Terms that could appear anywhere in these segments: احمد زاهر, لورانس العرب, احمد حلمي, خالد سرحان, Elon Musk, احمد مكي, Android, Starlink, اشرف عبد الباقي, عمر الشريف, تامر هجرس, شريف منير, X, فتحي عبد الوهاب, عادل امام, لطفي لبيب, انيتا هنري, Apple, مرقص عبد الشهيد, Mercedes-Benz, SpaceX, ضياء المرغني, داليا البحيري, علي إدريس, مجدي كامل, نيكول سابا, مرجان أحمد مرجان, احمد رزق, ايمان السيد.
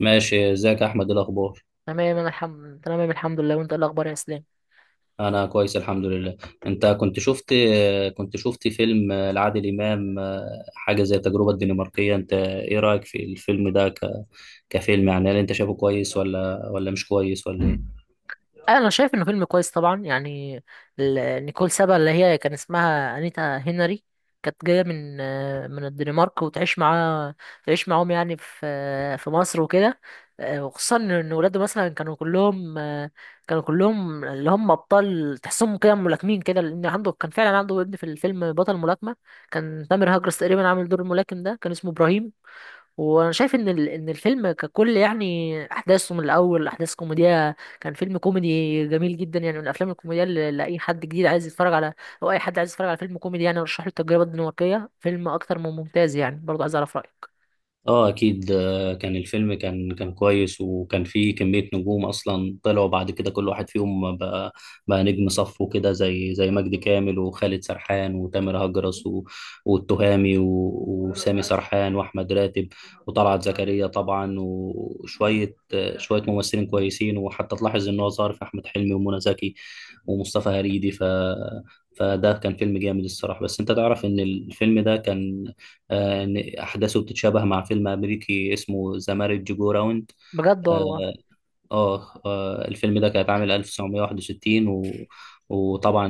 ماشي، ازيك يا احمد؟ إيه الاخبار؟ تمام، انا الحمد لله. وانت إيه الاخبار يا اسلام؟ انا كويس الحمد لله. انت كنت شفت فيلم لعادل امام، حاجه زي التجربه الدنماركيه. انت ايه رايك في الفيلم ده كفيلم، يعني هل انت شايفه كويس ولا مش كويس، ولا إيه؟ انا شايف انه فيلم كويس طبعا، يعني نيكول سابا اللي هي كان اسمها انيتا هنري كانت جايه من الدنمارك وتعيش معاه، تعيش معاهم يعني في مصر وكده. وخصوصا ان ولاده مثلا كانوا كلهم اللي هم ابطال، تحسهم كده ملاكمين كده، لان عنده كان فعلا عنده ابن في الفيلم بطل ملاكمه. كان تامر هجرس تقريبا عامل دور الملاكم ده، كان اسمه ابراهيم. وانا شايف ان الفيلم ككل يعني احداثه من الاول احداث كوميديه، كان فيلم كوميدي جميل جدا، يعني من الافلام الكوميديه اللي اي حد جديد عايز يتفرج على، او اي حد عايز يتفرج على فيلم كوميدي يعني ارشح له التجربه الدنماركيه، فيلم اكتر من ممتاز يعني. برضه عايز اعرف رايك. اه اكيد. كان الفيلم كان كويس، وكان فيه كمية نجوم اصلا طلعوا بعد كده، كل واحد فيهم بقى نجم صف وكده، زي مجدي كامل، وخالد سرحان، وتامر هجرس، والتهامي، وسامي سرحان، واحمد راتب، وطلعت زكريا طبعا، وشوية آه، شوية ممثلين كويسين، وحتى تلاحظ ان هو ظهر في احمد حلمي ومنى زكي ومصطفى هريدي. فده كان فيلم جامد الصراحة، بس انت تعرف ان الفيلم ده كان، إن أحداثه بتتشابه مع فيلم أمريكي اسمه ذا مارج جو راوند. بجد آه والله؟ الفيلم ده كان اتعمل 1961، وطبعا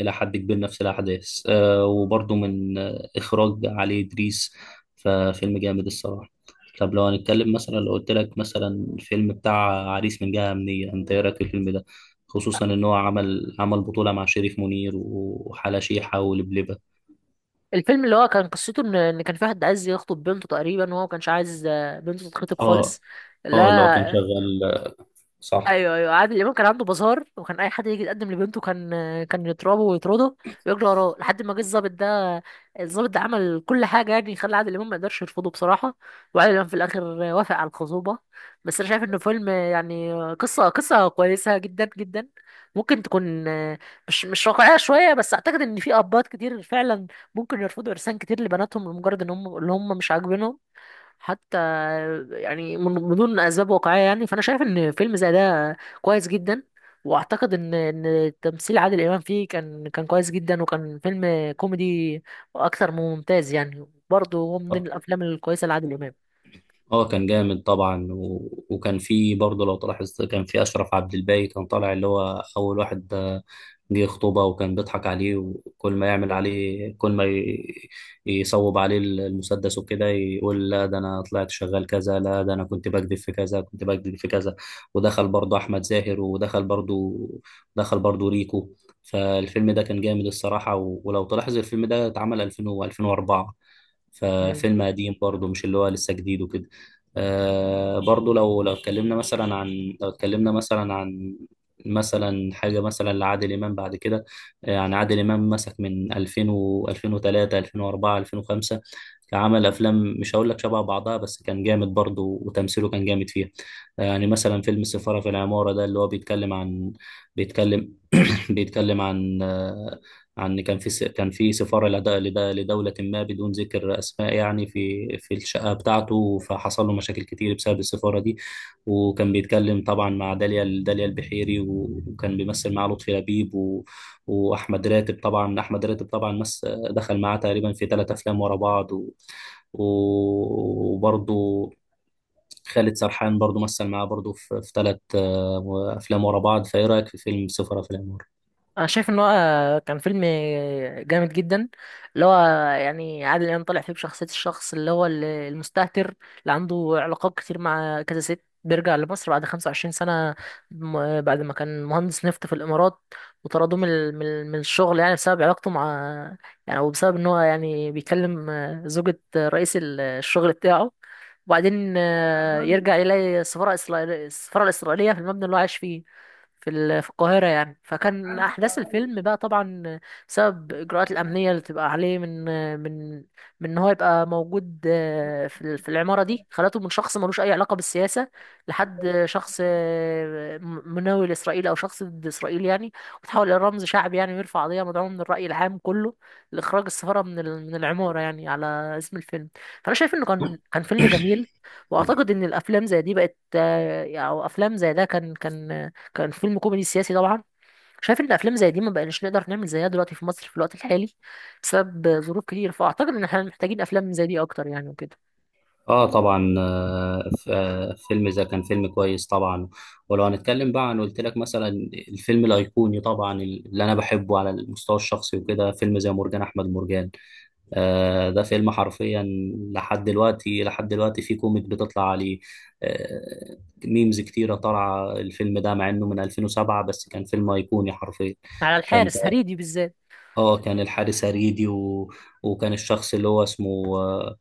إلى حد كبير نفس الأحداث، وبرضه من، إخراج علي إدريس. ففيلم جامد الصراحة. طب لو هنتكلم مثلا، لو قلت لك مثلا، الفيلم بتاع عريس من جهة أمنية، أنت إيه رأيك في الفيلم ده؟ خصوصا إن هو عمل بطولة مع شريف منير وحلا شيحة ولبلبة. الفيلم اللي هو كان قصته ان كان في واحد عايز يخطب بنته تقريبا، وهو ما كانش عايز بنته تتخطب خالص. اه، اه، اللي هو كان لا. شغال، صح. ايوه، ايوه، عادل امام كان عنده بازار، وكان اي حد يجي يتقدم لبنته كان يضربه ويطرده ويجري وراه لحد ما جه الظابط ده. الظابط ده عمل كل حاجه يعني، خلى عادل امام ما يقدرش يرفضه بصراحه. وعادل امام في الاخر وافق على الخصوبه. بس انا شايف انه فيلم يعني قصه كويسه جدا جدا، ممكن تكون مش واقعيه شويه، بس اعتقد ان في ابات كتير فعلا ممكن يرفضوا ارسال كتير لبناتهم، لمجرد ان هم اللي هم مش عاجبينهم حتى، يعني من دون اسباب واقعيه يعني. فانا شايف ان فيلم زي ده كويس جدا، واعتقد ان تمثيل عادل امام فيه كان كويس جدا، وكان فيلم كوميدي اكثر من ممتاز يعني. برضه هو من ضمن الافلام الكويسه لعادل هو كان جامد طبعا وكان في برضه، لو تلاحظ، كان في اشرف عبد الباقي، كان طالع اللي هو اول واحد جه خطوبه، وكان بيضحك عليه، وكل ما يعمل عليه، كل ما ي... يصوب عليه المسدس وكده، يقول لا ده انا طلعت شغال كذا، لا ده انا كنت بكذب في كذا، كنت بكذب في كذا. ودخل برضه احمد زاهر، ودخل برضه ريكو. فالفيلم ده كان جامد الصراحه، ولو تلاحظ الفيلم ده اتعمل 2000 و 2004، امام. ففيلم قديم برضه، مش اللي هو لسه جديد وكده. برضه لو لو اتكلمنا مثلا عن لو اتكلمنا مثلا عن مثلا حاجة مثلا لعادل إمام بعد كده. يعني عادل إمام مسك من 2000 و 2003، 2004، 2005، عمل أفلام مش هقول لك شبه بعضها، بس كان جامد برضه وتمثيله كان جامد فيها. يعني مثلا فيلم السفارة في العمارة ده اللي هو بيتكلم عن، بيتكلم بيتكلم عن آه، عن كان في س- كان في سفارة لدولة ما بدون ذكر أسماء، يعني في الشقة بتاعته، فحصل له مشاكل كتير بسبب السفارة دي. وكان بيتكلم طبعا مع داليا البحيري، وكان بيمثل مع لطفي لبيب، وأحمد راتب طبعا أحمد راتب طبعا، دخل معاه تقريبا في 3 أفلام ورا بعض، وبرضه خالد سرحان برضه مثل معاه برضه في 3 أفلام ورا بعض. فإيه رأيك في فيلم سفارة في العمارة؟ انا شايف ان هو كان فيلم جامد جدا، اللي هو يعني عادل امام طالع فيه بشخصيه الشخص اللي هو المستهتر، اللي عنده علاقات كتير مع كذا ست. بيرجع لمصر بعد 25 سنه، م- بعد ما كان مهندس نفط في الامارات، وطردوه من الشغل يعني، بسبب علاقته مع، يعني وبسبب ان هو يعني بيكلم زوجة رئيس الشغل بتاعه. وبعدين يرجع يلاقي السفاره الاسرائيليه في المبنى اللي هو عايش فيه، في القاهرة يعني. فكان أحداث الفيلم بقى طبعا بسبب الإجراءات الأمنية اللي بتبقى عليه، من من إن هو يبقى موجود في العمارة دي، خلته من شخص ملوش أي علاقة بالسياسة لحد شخص مناوي لإسرائيل أو شخص ضد إسرائيل يعني، وتحول إلى رمز شعبي يعني، ويرفع قضية مدعوة من الرأي العام كله لإخراج السفارة من العمارة، يعني على اسم الفيلم. فأنا شايف إنه كان فيلم جميل. وأعتقد إن الأفلام زي دي بقت، أو أفلام زي ده كان فيلم كوميدي سياسي طبعا. شايف ان افلام زي دي ما بقناش نقدر نعمل زيها دلوقتي في مصر في الوقت الحالي بسبب ظروف كتير، فاعتقد ان احنا محتاجين افلام زي دي اكتر يعني وكده. اه طبعا. فيلم اذا كان فيلم كويس طبعا. ولو هنتكلم بقى عن، قلت لك مثلا، الفيلم الايقوني طبعا اللي انا بحبه على المستوى الشخصي وكده، فيلم زي مرجان احمد مرجان. ده فيلم حرفيا، لحد دلوقتي في كوميك بتطلع عليه، آه ميمز كتيرة طالعة الفيلم ده، مع انه من 2007، بس كان فيلم ايقوني حرفيا. على كان الحارس هريدي بالذات. اه كان الحارس هريدي، وكان الشخص اللي هو اسمه،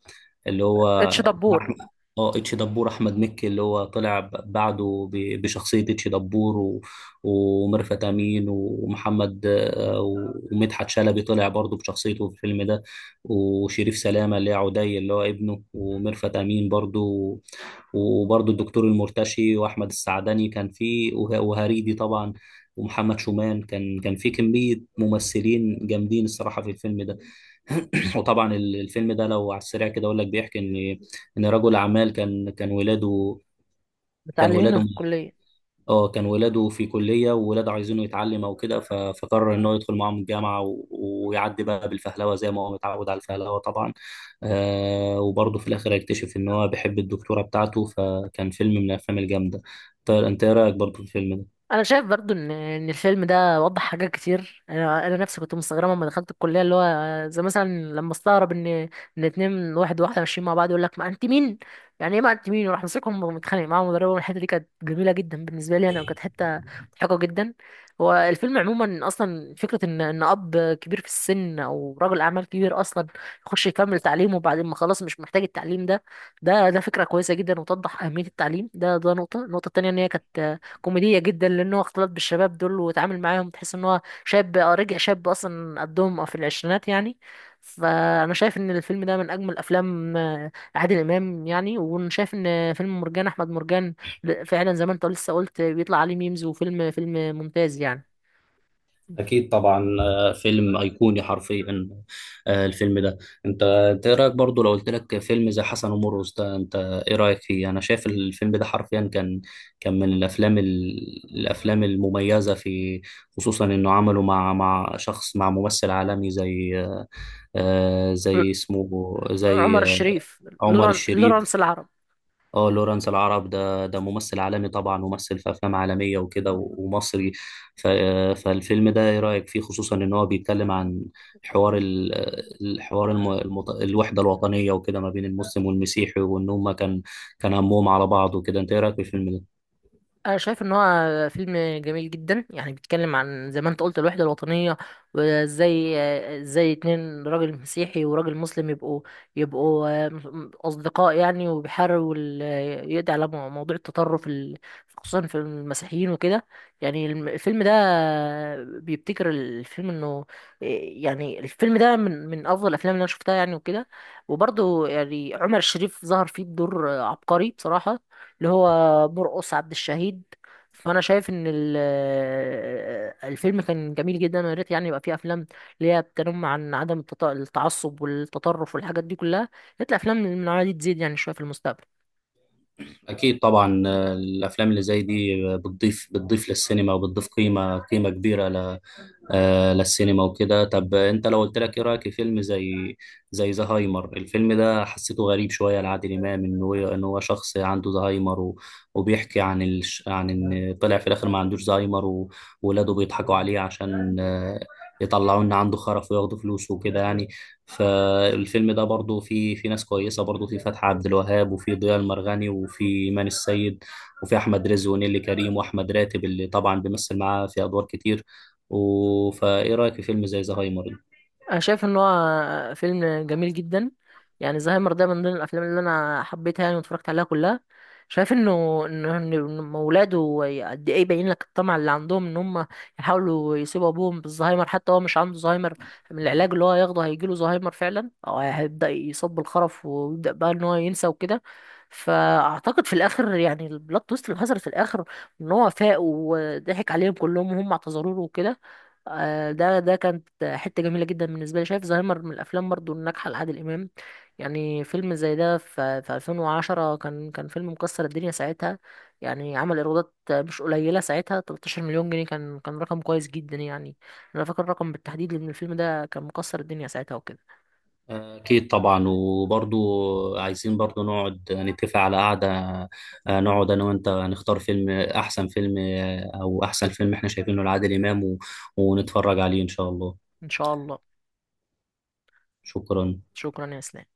اللي هو، اتش دبور. احمد، اه اتش دبور، احمد مكي اللي هو طلع بعده بشخصيه اتش دبور، وميرفت امين، ومحمد، ومدحت شلبي طلع برضه بشخصيته في الفيلم ده، وشريف سلامه اللي هي عدي اللي هو ابنه، وميرفت امين برضه، وبرضه الدكتور المرتشي، واحمد السعدني كان فيه، وهريدي طبعا، ومحمد شومان. كان في كمية ممثلين جامدين الصراحة في الفيلم ده. وطبعا الفيلم ده، لو على السريع كده اقول لك، بيحكي ان رجل اعمال، كان متعلمينه ولاده في الكليه. اه كان ولاده في كلية، وولاده عايزينه يتعلم او كده، فقرر ان هو يدخل معاهم الجامعة، ويعدي بقى بالفهلوة، زي ما هو متعود على الفهلوة طبعا. وبرضه في الاخر هيكتشف ان هو بيحب الدكتورة بتاعته، فكان فيلم من الافلام الجامدة. طيب انت ايه رايك برضه في الفيلم؟ انا شايف برضو ان الفيلم ده وضح حاجات كتير. انا نفسي كنت مستغربه لما دخلت الكليه، اللي هو زي مثلا لما استغرب ان اتنين، واحد وواحده ماشيين مع بعض، يقول لك ما انت مين، يعني ايه ما انت مين، وراح مسكهم ومتخانق معاهم مدربهم. الحته دي كانت جميله جدا بالنسبه لي انا، وكانت حته مضحكه جدا. هو الفيلم عموما اصلا فكره ان اب كبير في السن او رجل اعمال كبير اصلا يخش يكمل تعليمه، وبعدين ما خلاص مش محتاج التعليم ده. ده فكره كويسه جدا، وتوضح اهميه التعليم. ده نقطه. النقطه التانيه ان هي كانت كوميدية جدا، لأن هو اختلط بالشباب دول واتعامل معاهم، تحس إن هو شاب، رجع شاب أصلا قدهم في العشرينات يعني. فأنا شايف إن الفيلم ده من أجمل أفلام عادل إمام يعني. وأنا شايف إن فيلم مرجان أحمد مرجان فعلا زي ما أنت لسه قلت بيطلع عليه ميمز، وفيلم فيلم ممتاز يعني. أكيد طبعا. فيلم أيقوني حرفيا، الفيلم ده. أنت إيه رأيك برضو لو قلت لك فيلم زي حسن ومرقص ده، أنت إيه رأيك فيه؟ أنا شايف الفيلم ده حرفيا كان، كان من الأفلام، الأفلام المميزة، في خصوصا إنه عمله مع شخص، مع ممثل عالمي زي، آه، ل- زي اسمه عمر زي آه، الشريف، عمر لوران لورانس الشريف. العرب. اه، لورانس العرب، ده ممثل عالمي طبعا، ممثل في افلام عالميه وكده، ومصري. ف- فالفيلم ده ايه رايك فيه؟ خصوصا ان هو بيتكلم عن، حوار ال- الحوار، الوحده الوطنيه وكده، ما بين المسلم والمسيحي، وان هم كان همهم على بعض وكده. انت ايه رايك في الفيلم ده؟ أنا شايف إن هو فيلم جميل جدا، يعني بيتكلم عن زي ما أنت قلت الوحدة الوطنية، وإزاي، إزاي اتنين راجل مسيحي وراجل مسلم يبقوا أصدقاء يعني، وبيحاولوا يقضي على موضوع التطرف خصوصا في المسيحيين وكده. يعني الفيلم ده بيبتكر الفيلم إنه آه، يعني الفيلم ده من أفضل الأفلام اللي أنا شفتها يعني وكده. وبرضه يعني عمر الشريف ظهر فيه بدور عبقري بصراحة، اللي هو مرقص عبد الشهيد. فانا شايف ان الفيلم كان جميل جدا، ويا ريت يعني يبقى فيه افلام اللي هي بتنم عن عدم التعصب والتطرف والحاجات دي كلها. يا ريت الافلام من النوعيه دي تزيد يعني شويه في المستقبل. اكيد طبعا. الافلام اللي زي دي بتضيف للسينما، وبتضيف قيمه كبيره للسينما وكده. طب انت لو قلت لك ايه رايك في فيلم زي زهايمر؟ الفيلم ده حسيته غريب شويه لعادل امام، ان هو شخص عنده زهايمر، وبيحكي عن عن ان طلع في الاخر ما عندوش زهايمر، وولاده بيضحكوا عليه عشان يطلعوا ان عنده خرف وياخدوا فلوسه وكده يعني. فالفيلم ده برضو فيه، في ناس كويسه برضو، في فتحي عبد الوهاب، وفي ضياء المرغني، وفي ايمان السيد، وفي احمد رزق، ونيلي كريم، واحمد راتب اللي طبعا بيمثل معاه في ادوار كتير، فايه رايك في فيلم زي زهايمر ده؟ انا شايف ان هو فيلم جميل جدا، يعني زهايمر ده من ضمن الافلام اللي انا حبيتها يعني واتفرجت عليها كلها. شايف انه إن اولاده، قد ايه باين لك الطمع اللي عندهم، ان هم يحاولوا يسيبوا ابوهم بالزهايمر، حتى هو مش عنده زهايمر. من العلاج اللي هو هياخده هيجيله زهايمر فعلا، او هيبدا يصاب بالخرف ويبدا بقى ان هو ينسى وكده. فاعتقد في الاخر يعني البلوت تويست اللي حصلت في الاخر، ان هو فاق وضحك عليهم كلهم، وهم اعتذروا له وكده. ده كانت حتة جميلة جدا بالنسبة لي. شايف زهايمر من الأفلام برضو الناجحة لعادل إمام. يعني فيلم زي ده في 2010 كان فيلم مكسر الدنيا ساعتها، يعني عمل إيرادات مش قليلة ساعتها، 13 مليون جنيه، كان رقم كويس جدا يعني. أنا فاكر الرقم بالتحديد، لأن الفيلم ده كان مكسر الدنيا ساعتها وكده. اكيد طبعا. وبرضو عايزين برضو نقعد نتفق على قعده، نقعد انا وانت نختار فيلم، احسن فيلم، او احسن فيلم احنا شايفينه لعادل امام، ونتفرج عليه ان شاء الله. إن شاء الله. شكرا. شكرا يا إسلام.